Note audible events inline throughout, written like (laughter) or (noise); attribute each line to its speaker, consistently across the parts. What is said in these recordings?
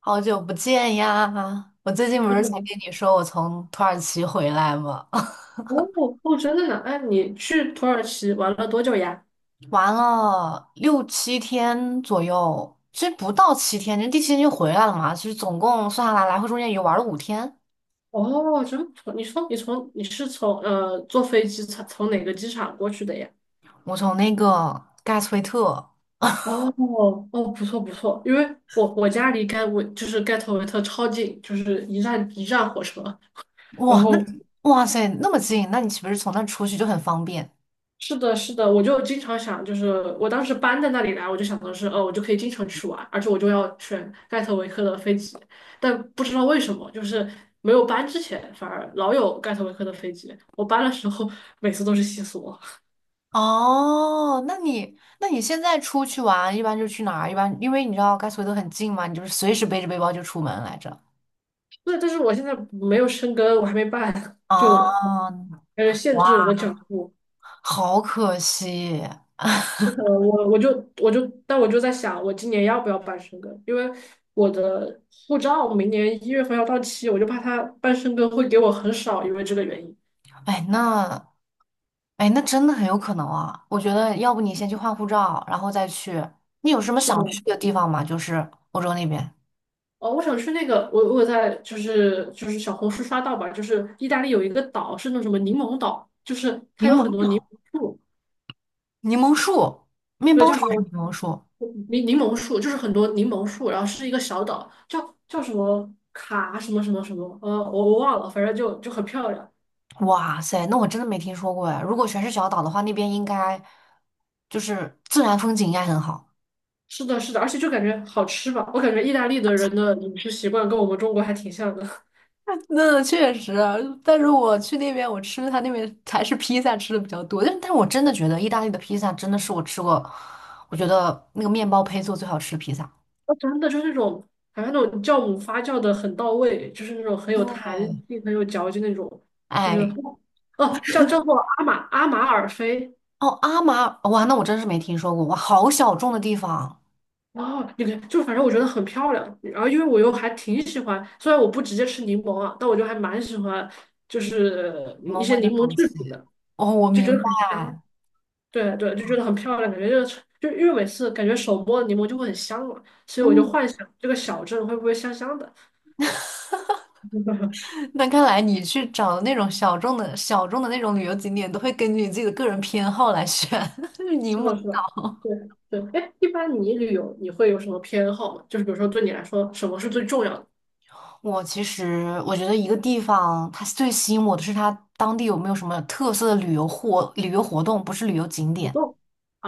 Speaker 1: 好久不见呀！我最近不是才
Speaker 2: 嗯，
Speaker 1: 跟你说我从土耳其回来吗？(laughs)
Speaker 2: 哦，哦，真的呢？哎，你去土耳其玩了多久呀？
Speaker 1: 玩了六七天左右，其实不到七天，就第七天就回来了嘛。其实总共算下来，来回中间也就玩了五天。
Speaker 2: 哦，真不错。你说你是从坐飞机从哪个机场过去的呀？
Speaker 1: 我从那个盖茨威特，
Speaker 2: 哦哦，不错不错，因为我家离盖维就是盖特维特超近，就是一站火车，然
Speaker 1: 哇，那
Speaker 2: 后
Speaker 1: 哇塞，那么近，那你岂不是从那出去就很方便？
Speaker 2: 是的，是的，我就经常想，就是我当时搬在那里来，我就想的是，我就可以经常去玩，而且我就要选盖特维克的飞机，但不知道为什么，就是没有搬之前，反而老有盖特维克的飞机，我搬的时候每次都是西索。
Speaker 1: 哦，那你现在出去玩，一般就去哪儿？一般因为你知道盖茨威特很近嘛，你就是随时背着背包就出门来着。
Speaker 2: (laughs) 对，但是我现在没有生根，我还没办，就
Speaker 1: 啊，
Speaker 2: 感觉限制我的脚
Speaker 1: 哇！
Speaker 2: 步。
Speaker 1: 好可惜。(laughs)
Speaker 2: 是的，我就，但我就在想，我今年要不要办申根？因为我的护照明年一月份要到期，我就怕他办申根会给我很少，因为这个原因。
Speaker 1: 哎，那哎，那真的很有可能啊。我觉得，要不你先去换护照，然后再去。你有什么
Speaker 2: 是的，
Speaker 1: 想去的地方吗？就是欧洲那边，
Speaker 2: 哦，我想去那个，我在就是小红书刷到吧，就是意大利有一个岛是那种什么柠檬岛，就是
Speaker 1: 柠
Speaker 2: 它有很
Speaker 1: 檬
Speaker 2: 多柠
Speaker 1: 岛、
Speaker 2: 檬树，
Speaker 1: 柠檬树、面
Speaker 2: 对，
Speaker 1: 包
Speaker 2: 叫
Speaker 1: 船
Speaker 2: 什
Speaker 1: 还是柠
Speaker 2: 么
Speaker 1: 檬树。
Speaker 2: 柠檬树，就是很多柠檬树，然后是一个小岛，叫什么卡什么什么什么，我忘了，反正就很漂亮。
Speaker 1: 哇塞，那我真的没听说过哎。如果全是小岛的话，那边应该就是自然风景应该很好。
Speaker 2: 是的，是的，而且就感觉好吃吧。我感觉意大利的人的饮食习惯跟我们中国还挺像的。(laughs)
Speaker 1: 那确实，但是我去那边，我吃他那边还是披萨吃的比较多。但是我真的觉得意大利的披萨真的是我吃过，我觉得那个面包胚做最好吃的披萨。
Speaker 2: 哦真的就是那种，好像那种酵母发酵的很到位，就是那种很有弹
Speaker 1: 对，
Speaker 2: 性、很有嚼劲那种，就觉得
Speaker 1: 哎，
Speaker 2: 哦，叫叫做阿马尔菲。
Speaker 1: 哦，阿玛，哇，那我真是没听说过，哇，好小众的地方，
Speaker 2: 哦，你看，就反正我觉得很漂亮。然后因为我又还挺喜欢，虽然我不直接吃柠檬啊，但我就还蛮喜欢，就是
Speaker 1: 你
Speaker 2: 一
Speaker 1: 们
Speaker 2: 些
Speaker 1: 味的
Speaker 2: 柠檬
Speaker 1: 东
Speaker 2: 制
Speaker 1: 西。
Speaker 2: 品的，
Speaker 1: 哦，我
Speaker 2: 就
Speaker 1: 明
Speaker 2: 觉得很香。
Speaker 1: 白。
Speaker 2: 对对，就觉得很漂亮，感觉就是城就因为每次感觉手摸柠檬就会很香嘛，所以我就
Speaker 1: 嗯，
Speaker 2: 幻想这个小镇会不会香香的。(laughs)
Speaker 1: (laughs) 那看来你去找那种小众的那种旅游景点，都会根据你自己的个人偏好来选。(laughs) 柠
Speaker 2: 是
Speaker 1: 檬
Speaker 2: 的，是的，
Speaker 1: 岛。
Speaker 2: 对对。哎，一般你旅游你会有什么偏好吗？就是比如说对你来说，什么是最重要的
Speaker 1: 我其实我觉得一个地方它最吸引我的是它当地有没有什么特色的旅游活动，不是旅游景
Speaker 2: 活
Speaker 1: 点。
Speaker 2: 动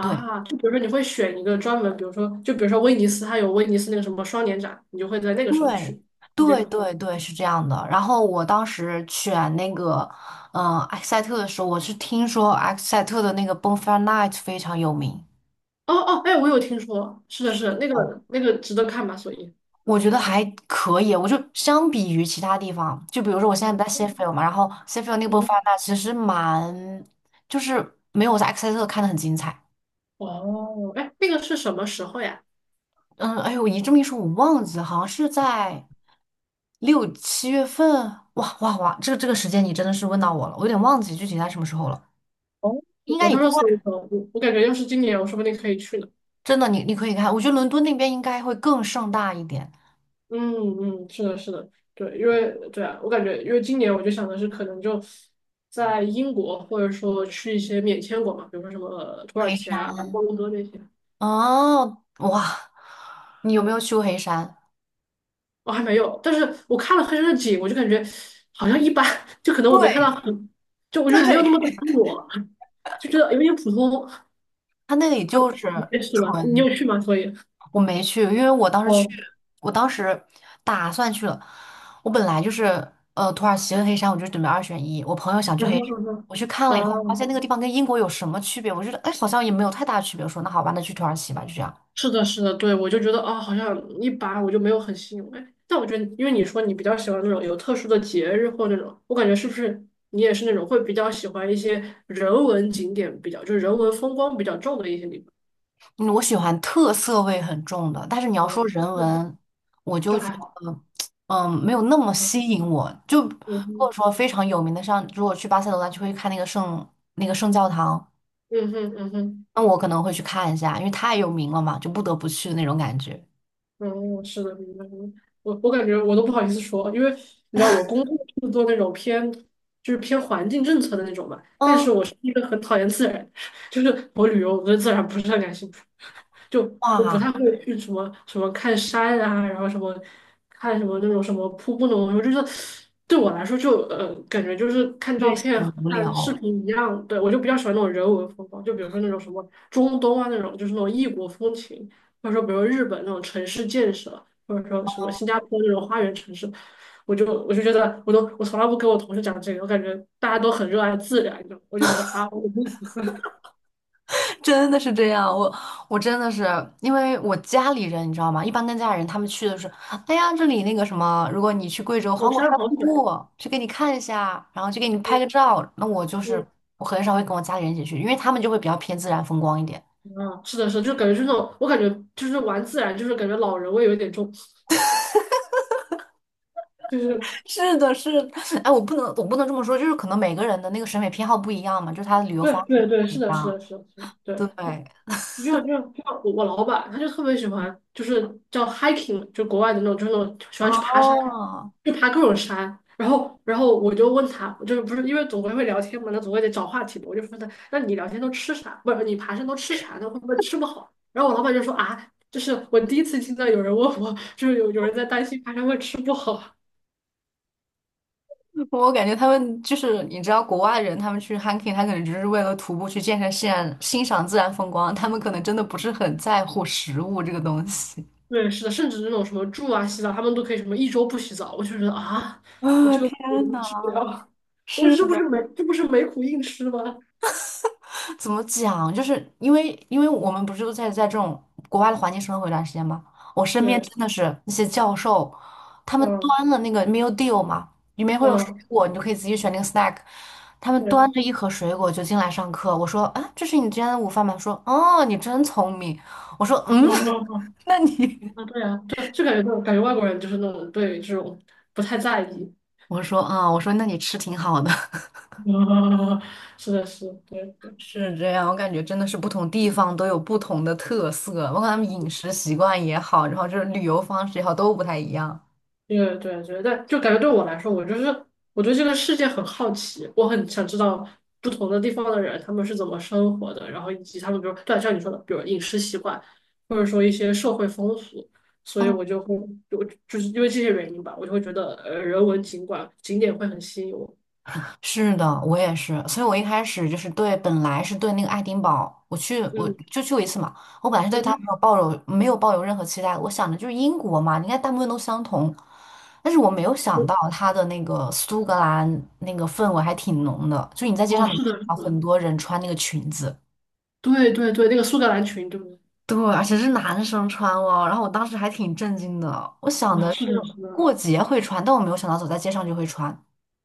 Speaker 1: 对
Speaker 2: 就比如说你会选一个专门，比如说就比如说威尼斯，它有威尼斯那个什么双年展，你就会在那个时候
Speaker 1: 对
Speaker 2: 去。你这个，
Speaker 1: 对对
Speaker 2: 嗯
Speaker 1: 对，是这样的。然后我当时选那个克塞特的时候，我是听说埃塞特的那个 Bonfire Night 非常有名。
Speaker 2: 哦哦，哎，我有听说，是的，是的，那
Speaker 1: 哦，
Speaker 2: 个那个值得看吧？所以，
Speaker 1: 我觉得还可以。我就相比于其他地方，就比如说我现在不在 s h e f i e l 嘛，然后 s h e f i e l 那个
Speaker 2: 嗯
Speaker 1: Bonfire
Speaker 2: 哼，
Speaker 1: Night 其实蛮就是没有我在埃塞特看的很精彩。
Speaker 2: 哦，哎，那个是什么时候呀？
Speaker 1: 嗯，哎呦，我一这么一说，我忘记了，好像是在六七月份。哇哇哇，这个时间你真的是问到我了，我有点忘记具体在什么时候了。
Speaker 2: 哦，
Speaker 1: 应该
Speaker 2: 我
Speaker 1: 也
Speaker 2: 到时
Speaker 1: 快，
Speaker 2: 候搜一搜，我感觉要是今年，我说不定可以去呢。
Speaker 1: 真的，你可以看，我觉得伦敦那边应该会更盛大一点。
Speaker 2: 嗯嗯，是的，是的，对，因为对啊，我感觉因为今年我就想的是，可能就在英国，或者说去一些免签国嘛，比如说什么土耳
Speaker 1: 黑
Speaker 2: 其啊、
Speaker 1: 山。
Speaker 2: 摩洛哥那些，
Speaker 1: 哦，哇，你有没有去过黑山？
Speaker 2: 我还没有。但是我看了黑山的景，我就感觉好像一般，(laughs) 就可能我没看到
Speaker 1: 对，
Speaker 2: 很，就我觉得没有那么打动我，就觉得有点普通。(laughs)
Speaker 1: 它那里
Speaker 2: 啊，
Speaker 1: 就是
Speaker 2: 你也是吧？你
Speaker 1: 纯。
Speaker 2: 有去吗？所以
Speaker 1: 我没去，因为
Speaker 2: 哦，
Speaker 1: 我当时打算去了。我本来就是土耳其和黑山，我就准备二选一。我朋友想去
Speaker 2: 然
Speaker 1: 黑山，
Speaker 2: 后呢？
Speaker 1: 我去看了
Speaker 2: 哦
Speaker 1: 以后，我发现那个地方跟英国有什么区别？我觉得哎，好像也没有太大区别。我说那好吧，那去土耳其吧，就这样。
Speaker 2: 是的，是的，对，我就觉得啊、好像一般，我就没有很吸引我。哎但我觉得，因为你说你比较喜欢那种有特殊的节日或那种，我感觉是不是你也是那种会比较喜欢一些人文景点比较，就是人文风光比较重的一些地方？
Speaker 1: 嗯，我喜欢特色味很重的，但是你要说
Speaker 2: 哦，
Speaker 1: 人
Speaker 2: 嗯，
Speaker 1: 文，我
Speaker 2: 就
Speaker 1: 就觉
Speaker 2: 还好。
Speaker 1: 得没有那么吸
Speaker 2: 嗯
Speaker 1: 引我。就如
Speaker 2: 嗯
Speaker 1: 果
Speaker 2: 哼，
Speaker 1: 说非常有名的，像如果去巴塞罗那，就会看那个圣教堂。
Speaker 2: 嗯哼，嗯哼。
Speaker 1: 那我可能会去看一下，因为太有名了嘛，就不得不去的那种感觉。
Speaker 2: 嗯，是的，明白明白我感觉我都不好意思说，因为你知道我工作是做那种偏偏环境政策的那种嘛，但
Speaker 1: 嗯，
Speaker 2: 是我是一个很讨厌自然，(laughs) 就是我旅游我对自然不是很感兴趣，就我不
Speaker 1: 哇，
Speaker 2: 太会去什么看山啊，然后看什么那种什么瀑布那种，我就是对我来说就感觉就是看
Speaker 1: 越
Speaker 2: 照片
Speaker 1: 显
Speaker 2: 和
Speaker 1: 无
Speaker 2: 看视
Speaker 1: 聊。
Speaker 2: 频一样，对我就比较喜欢那种人文风光，就比如说那种什么中东啊那种，就是那种异国风情。或者说比如日本那种城市建设，或者说什么新加坡那种花园城市，我就觉得我从来不跟我同事讲这个，我感觉大家都很热爱自然，你知道吗，我就觉得啊，我
Speaker 1: (laughs) 真的是这样。我真的是，因为我家里人你知道吗？一般跟家里人他们去的是，哎呀，这里那个什么，如果你去贵州
Speaker 2: 我好
Speaker 1: 黄果
Speaker 2: 山
Speaker 1: 山
Speaker 2: 好
Speaker 1: 瀑
Speaker 2: 水，
Speaker 1: 布，去给你看一下，然后去给你拍个
Speaker 2: 嗯
Speaker 1: 照。那我就是
Speaker 2: 嗯。
Speaker 1: 我很少会跟我家里人一起去，因为他们就会比较偏自然风光一点。
Speaker 2: 啊，是的，是的，就感觉就是那种，我感觉就是玩自然，就是感觉老人味有一点重，就是
Speaker 1: (laughs) 是的，是的。(laughs) 哎，我不能这么说，就是可能每个人的那个审美偏好不一样嘛，就是他的旅游
Speaker 2: 对
Speaker 1: 方式
Speaker 2: 对对，
Speaker 1: 不
Speaker 2: 是
Speaker 1: 一
Speaker 2: 的，是
Speaker 1: 样。
Speaker 2: 的，是的，是的，对。
Speaker 1: 对，
Speaker 2: 就像就像我老板，他就特别喜欢，就是叫 hiking，就国外的那种，就是那种喜欢去爬山，
Speaker 1: 哦，
Speaker 2: 去爬各种山。然后我就问他，就是不是因为总归会聊天嘛，那总归得找话题嘛。我就问他，那你聊天都吃啥？不是你爬山都吃啥那会不会吃不好？然后我老板就说啊，就是我第一次听到有人问我，就是有人在担心爬山会吃不好。
Speaker 1: 我感觉他们就是你知道，国外人他们去 hiking,他可能只是为了徒步去健身自然、欣赏自然风光，他们可能真的不是很在乎食物这个东西。
Speaker 2: 对，是的，甚至那种什么住啊、洗澡，他们都可以什么一周不洗澡，我就觉得啊，那
Speaker 1: 啊、
Speaker 2: 这个
Speaker 1: 天
Speaker 2: 苦我们吃不
Speaker 1: 呐，
Speaker 2: 了，(laughs) 我
Speaker 1: 是
Speaker 2: 说
Speaker 1: 的，
Speaker 2: 这不是没苦硬吃吗？
Speaker 1: 怎么讲？就是因为我们不是都在这种国外的环境生活一段时间吗？我身边
Speaker 2: 对，
Speaker 1: 真的是那些教授，他们
Speaker 2: 嗯
Speaker 1: 端了那个 meal deal 嘛，里面会有水
Speaker 2: 嗯，
Speaker 1: 果，你就可以自己选那个 snack。他们
Speaker 2: 对，嗯
Speaker 1: 端着一盒水果就进来上课，我说啊，这是你今天的午饭吗？说哦，你真聪明。我说
Speaker 2: 嗯
Speaker 1: 嗯。
Speaker 2: 嗯，
Speaker 1: (laughs) 那你。
Speaker 2: 嗯啊对啊，对，就感觉那种感觉外国人就是那种对这种不太在意，
Speaker 1: (laughs) 我说那你吃挺好的。
Speaker 2: (laughs) 啊，是的，是的，对。
Speaker 1: 是这样，我感觉真的是不同地方都有不同的特色，包括他们饮食习惯也好，然后就是旅游方式也好，都不太一样。
Speaker 2: 对对对，但就感觉对我来说，我就是我对这个世界很好奇，我很想知道不同的地方的人他们是怎么生活的，然后以及他们比如对像你说的，比如饮食习惯，或者说一些社会风俗，所以
Speaker 1: 嗯，
Speaker 2: 我就会就是因为这些原因吧，我就会觉得人文景观景点会很吸引我。
Speaker 1: 是的，我也是，所以我一开始就是对，本来是对那个爱丁堡，我
Speaker 2: 嗯
Speaker 1: 就去过一次嘛，我本来是对
Speaker 2: 嗯
Speaker 1: 它没
Speaker 2: 哼，
Speaker 1: 有抱有没有抱有任何期待，我想的就是英国嘛，应该大部分都相同，但是我没有想到它的那个苏格兰那个氛围还挺浓的，就你在街
Speaker 2: 我哦，
Speaker 1: 上能
Speaker 2: 是
Speaker 1: 看
Speaker 2: 的，是
Speaker 1: 到
Speaker 2: 的，
Speaker 1: 很多人穿那个裙子。
Speaker 2: 对对对，那个苏格兰群，对不对？
Speaker 1: 对，而且是男生穿哦，然后我当时还挺震惊的，我想
Speaker 2: 啊，
Speaker 1: 的
Speaker 2: 是
Speaker 1: 是
Speaker 2: 的，是的。
Speaker 1: 过节会穿，但我没有想到走在街上就会穿。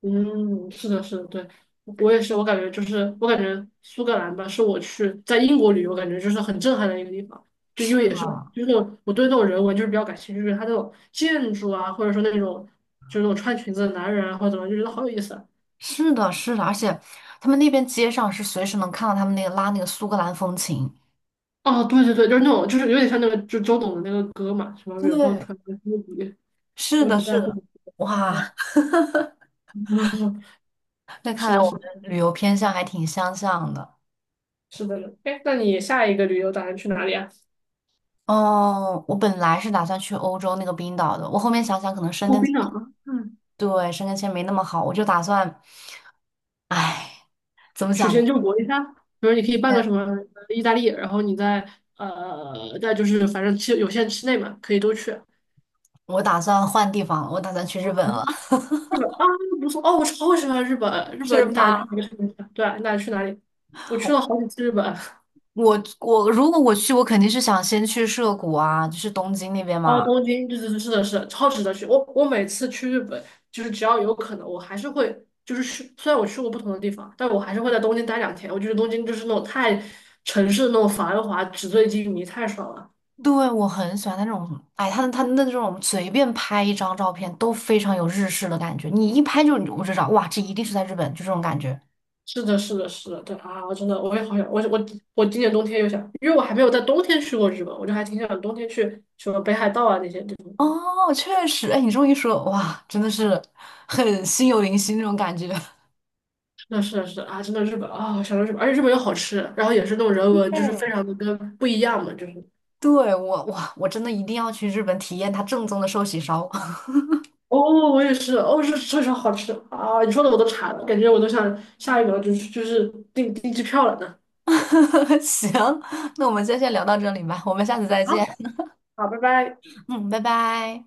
Speaker 2: 嗯，是的，是的，对，我也是，我感觉就是，我感觉苏格兰吧，是我去在英国旅游，感觉就是很震撼的一个地方，就
Speaker 1: 是
Speaker 2: 因为
Speaker 1: 的，
Speaker 2: 也是，就是我对那种人文就是比较感兴趣，就是它那种建筑啊，或者说那种就是那种穿裙子的男人啊，或者怎么样就觉得好有意思啊。
Speaker 1: 是的，是的，而且他们那边街上是随时能看到他们那个拉那个苏格兰风情。
Speaker 2: 哦，对对对，就是那种，就是有点像那个，就周董的那个歌嘛，什么远方
Speaker 1: 对，
Speaker 2: 传来的风笛，
Speaker 1: 是
Speaker 2: 我
Speaker 1: 的，
Speaker 2: 只在
Speaker 1: 是
Speaker 2: 乎
Speaker 1: 的，
Speaker 2: 你。
Speaker 1: 哇。
Speaker 2: (laughs) 嗯，
Speaker 1: (laughs) 那看
Speaker 2: 是
Speaker 1: 来
Speaker 2: 的，
Speaker 1: 我
Speaker 2: 是
Speaker 1: 们
Speaker 2: 的
Speaker 1: 旅游偏向还挺相像的。
Speaker 2: 是的呢。哎，那你下一个旅游打算去哪里啊？
Speaker 1: 哦，我本来是打算去欧洲那个冰岛的，我后面想想可能申
Speaker 2: 哦，
Speaker 1: 根
Speaker 2: 冰
Speaker 1: 签，
Speaker 2: 岛吗？
Speaker 1: 对，申根签没那么好，我就打算，唉，怎么
Speaker 2: 曲
Speaker 1: 讲呢？
Speaker 2: 线救国一下，比如你可以办个什么意大利，然后你在就是反正期有限期内嘛，可以都去。
Speaker 1: 我打算换地方了，我打算去日本了。(laughs)
Speaker 2: 日本啊，不错哦，我超喜欢日本。日
Speaker 1: 是
Speaker 2: 本，你打算
Speaker 1: 吧？
Speaker 2: 去哪个城市？对啊你打算去哪里？我去了好几次日本。
Speaker 1: 我如果我去，我肯定是想先去涩谷啊，就是东京那边
Speaker 2: 哦，
Speaker 1: 嘛。
Speaker 2: 东京，对对对，是的，是的，超值得去。我我每次去日本，就是只要有可能，我还是会就是去。虽然我去过不同的地方，但我还是会在东京待两天。我觉得东京就是那种太城市的那种繁华、纸醉金迷，太爽了。
Speaker 1: 对，我很喜欢那种，哎，他的那种随便拍一张照片都非常有日式的感觉，你一拍就我就知道，哇，这一定是在日本，就这种感觉。
Speaker 2: 是的，是的，是的，对啊，我真的我也好想，我我今年冬天又想，因为我还没有在冬天去过日本，我就还挺想冬天去什么北海道啊那些地方。
Speaker 1: 哦，确实，哎，你这么一说，哇，真的是很心有灵犀那种感觉。(laughs)
Speaker 2: 是的，是的，是的啊，真的日本啊，想到日本，而且日本又好吃，然后也是那种人文，就是非
Speaker 1: 对，
Speaker 2: 常的跟不一样嘛，就是
Speaker 1: 对，我，哇，我真的一定要去日本体验它正宗的寿喜烧。
Speaker 2: 哦，我也是，哦，是确实好吃啊！你说的我都馋了，感觉我都想下一秒就是订机票了呢。
Speaker 1: (laughs) 行，那我们今天先聊到这里吧，我们下次再
Speaker 2: 好，
Speaker 1: 见。
Speaker 2: 好，拜拜。
Speaker 1: 嗯，拜拜。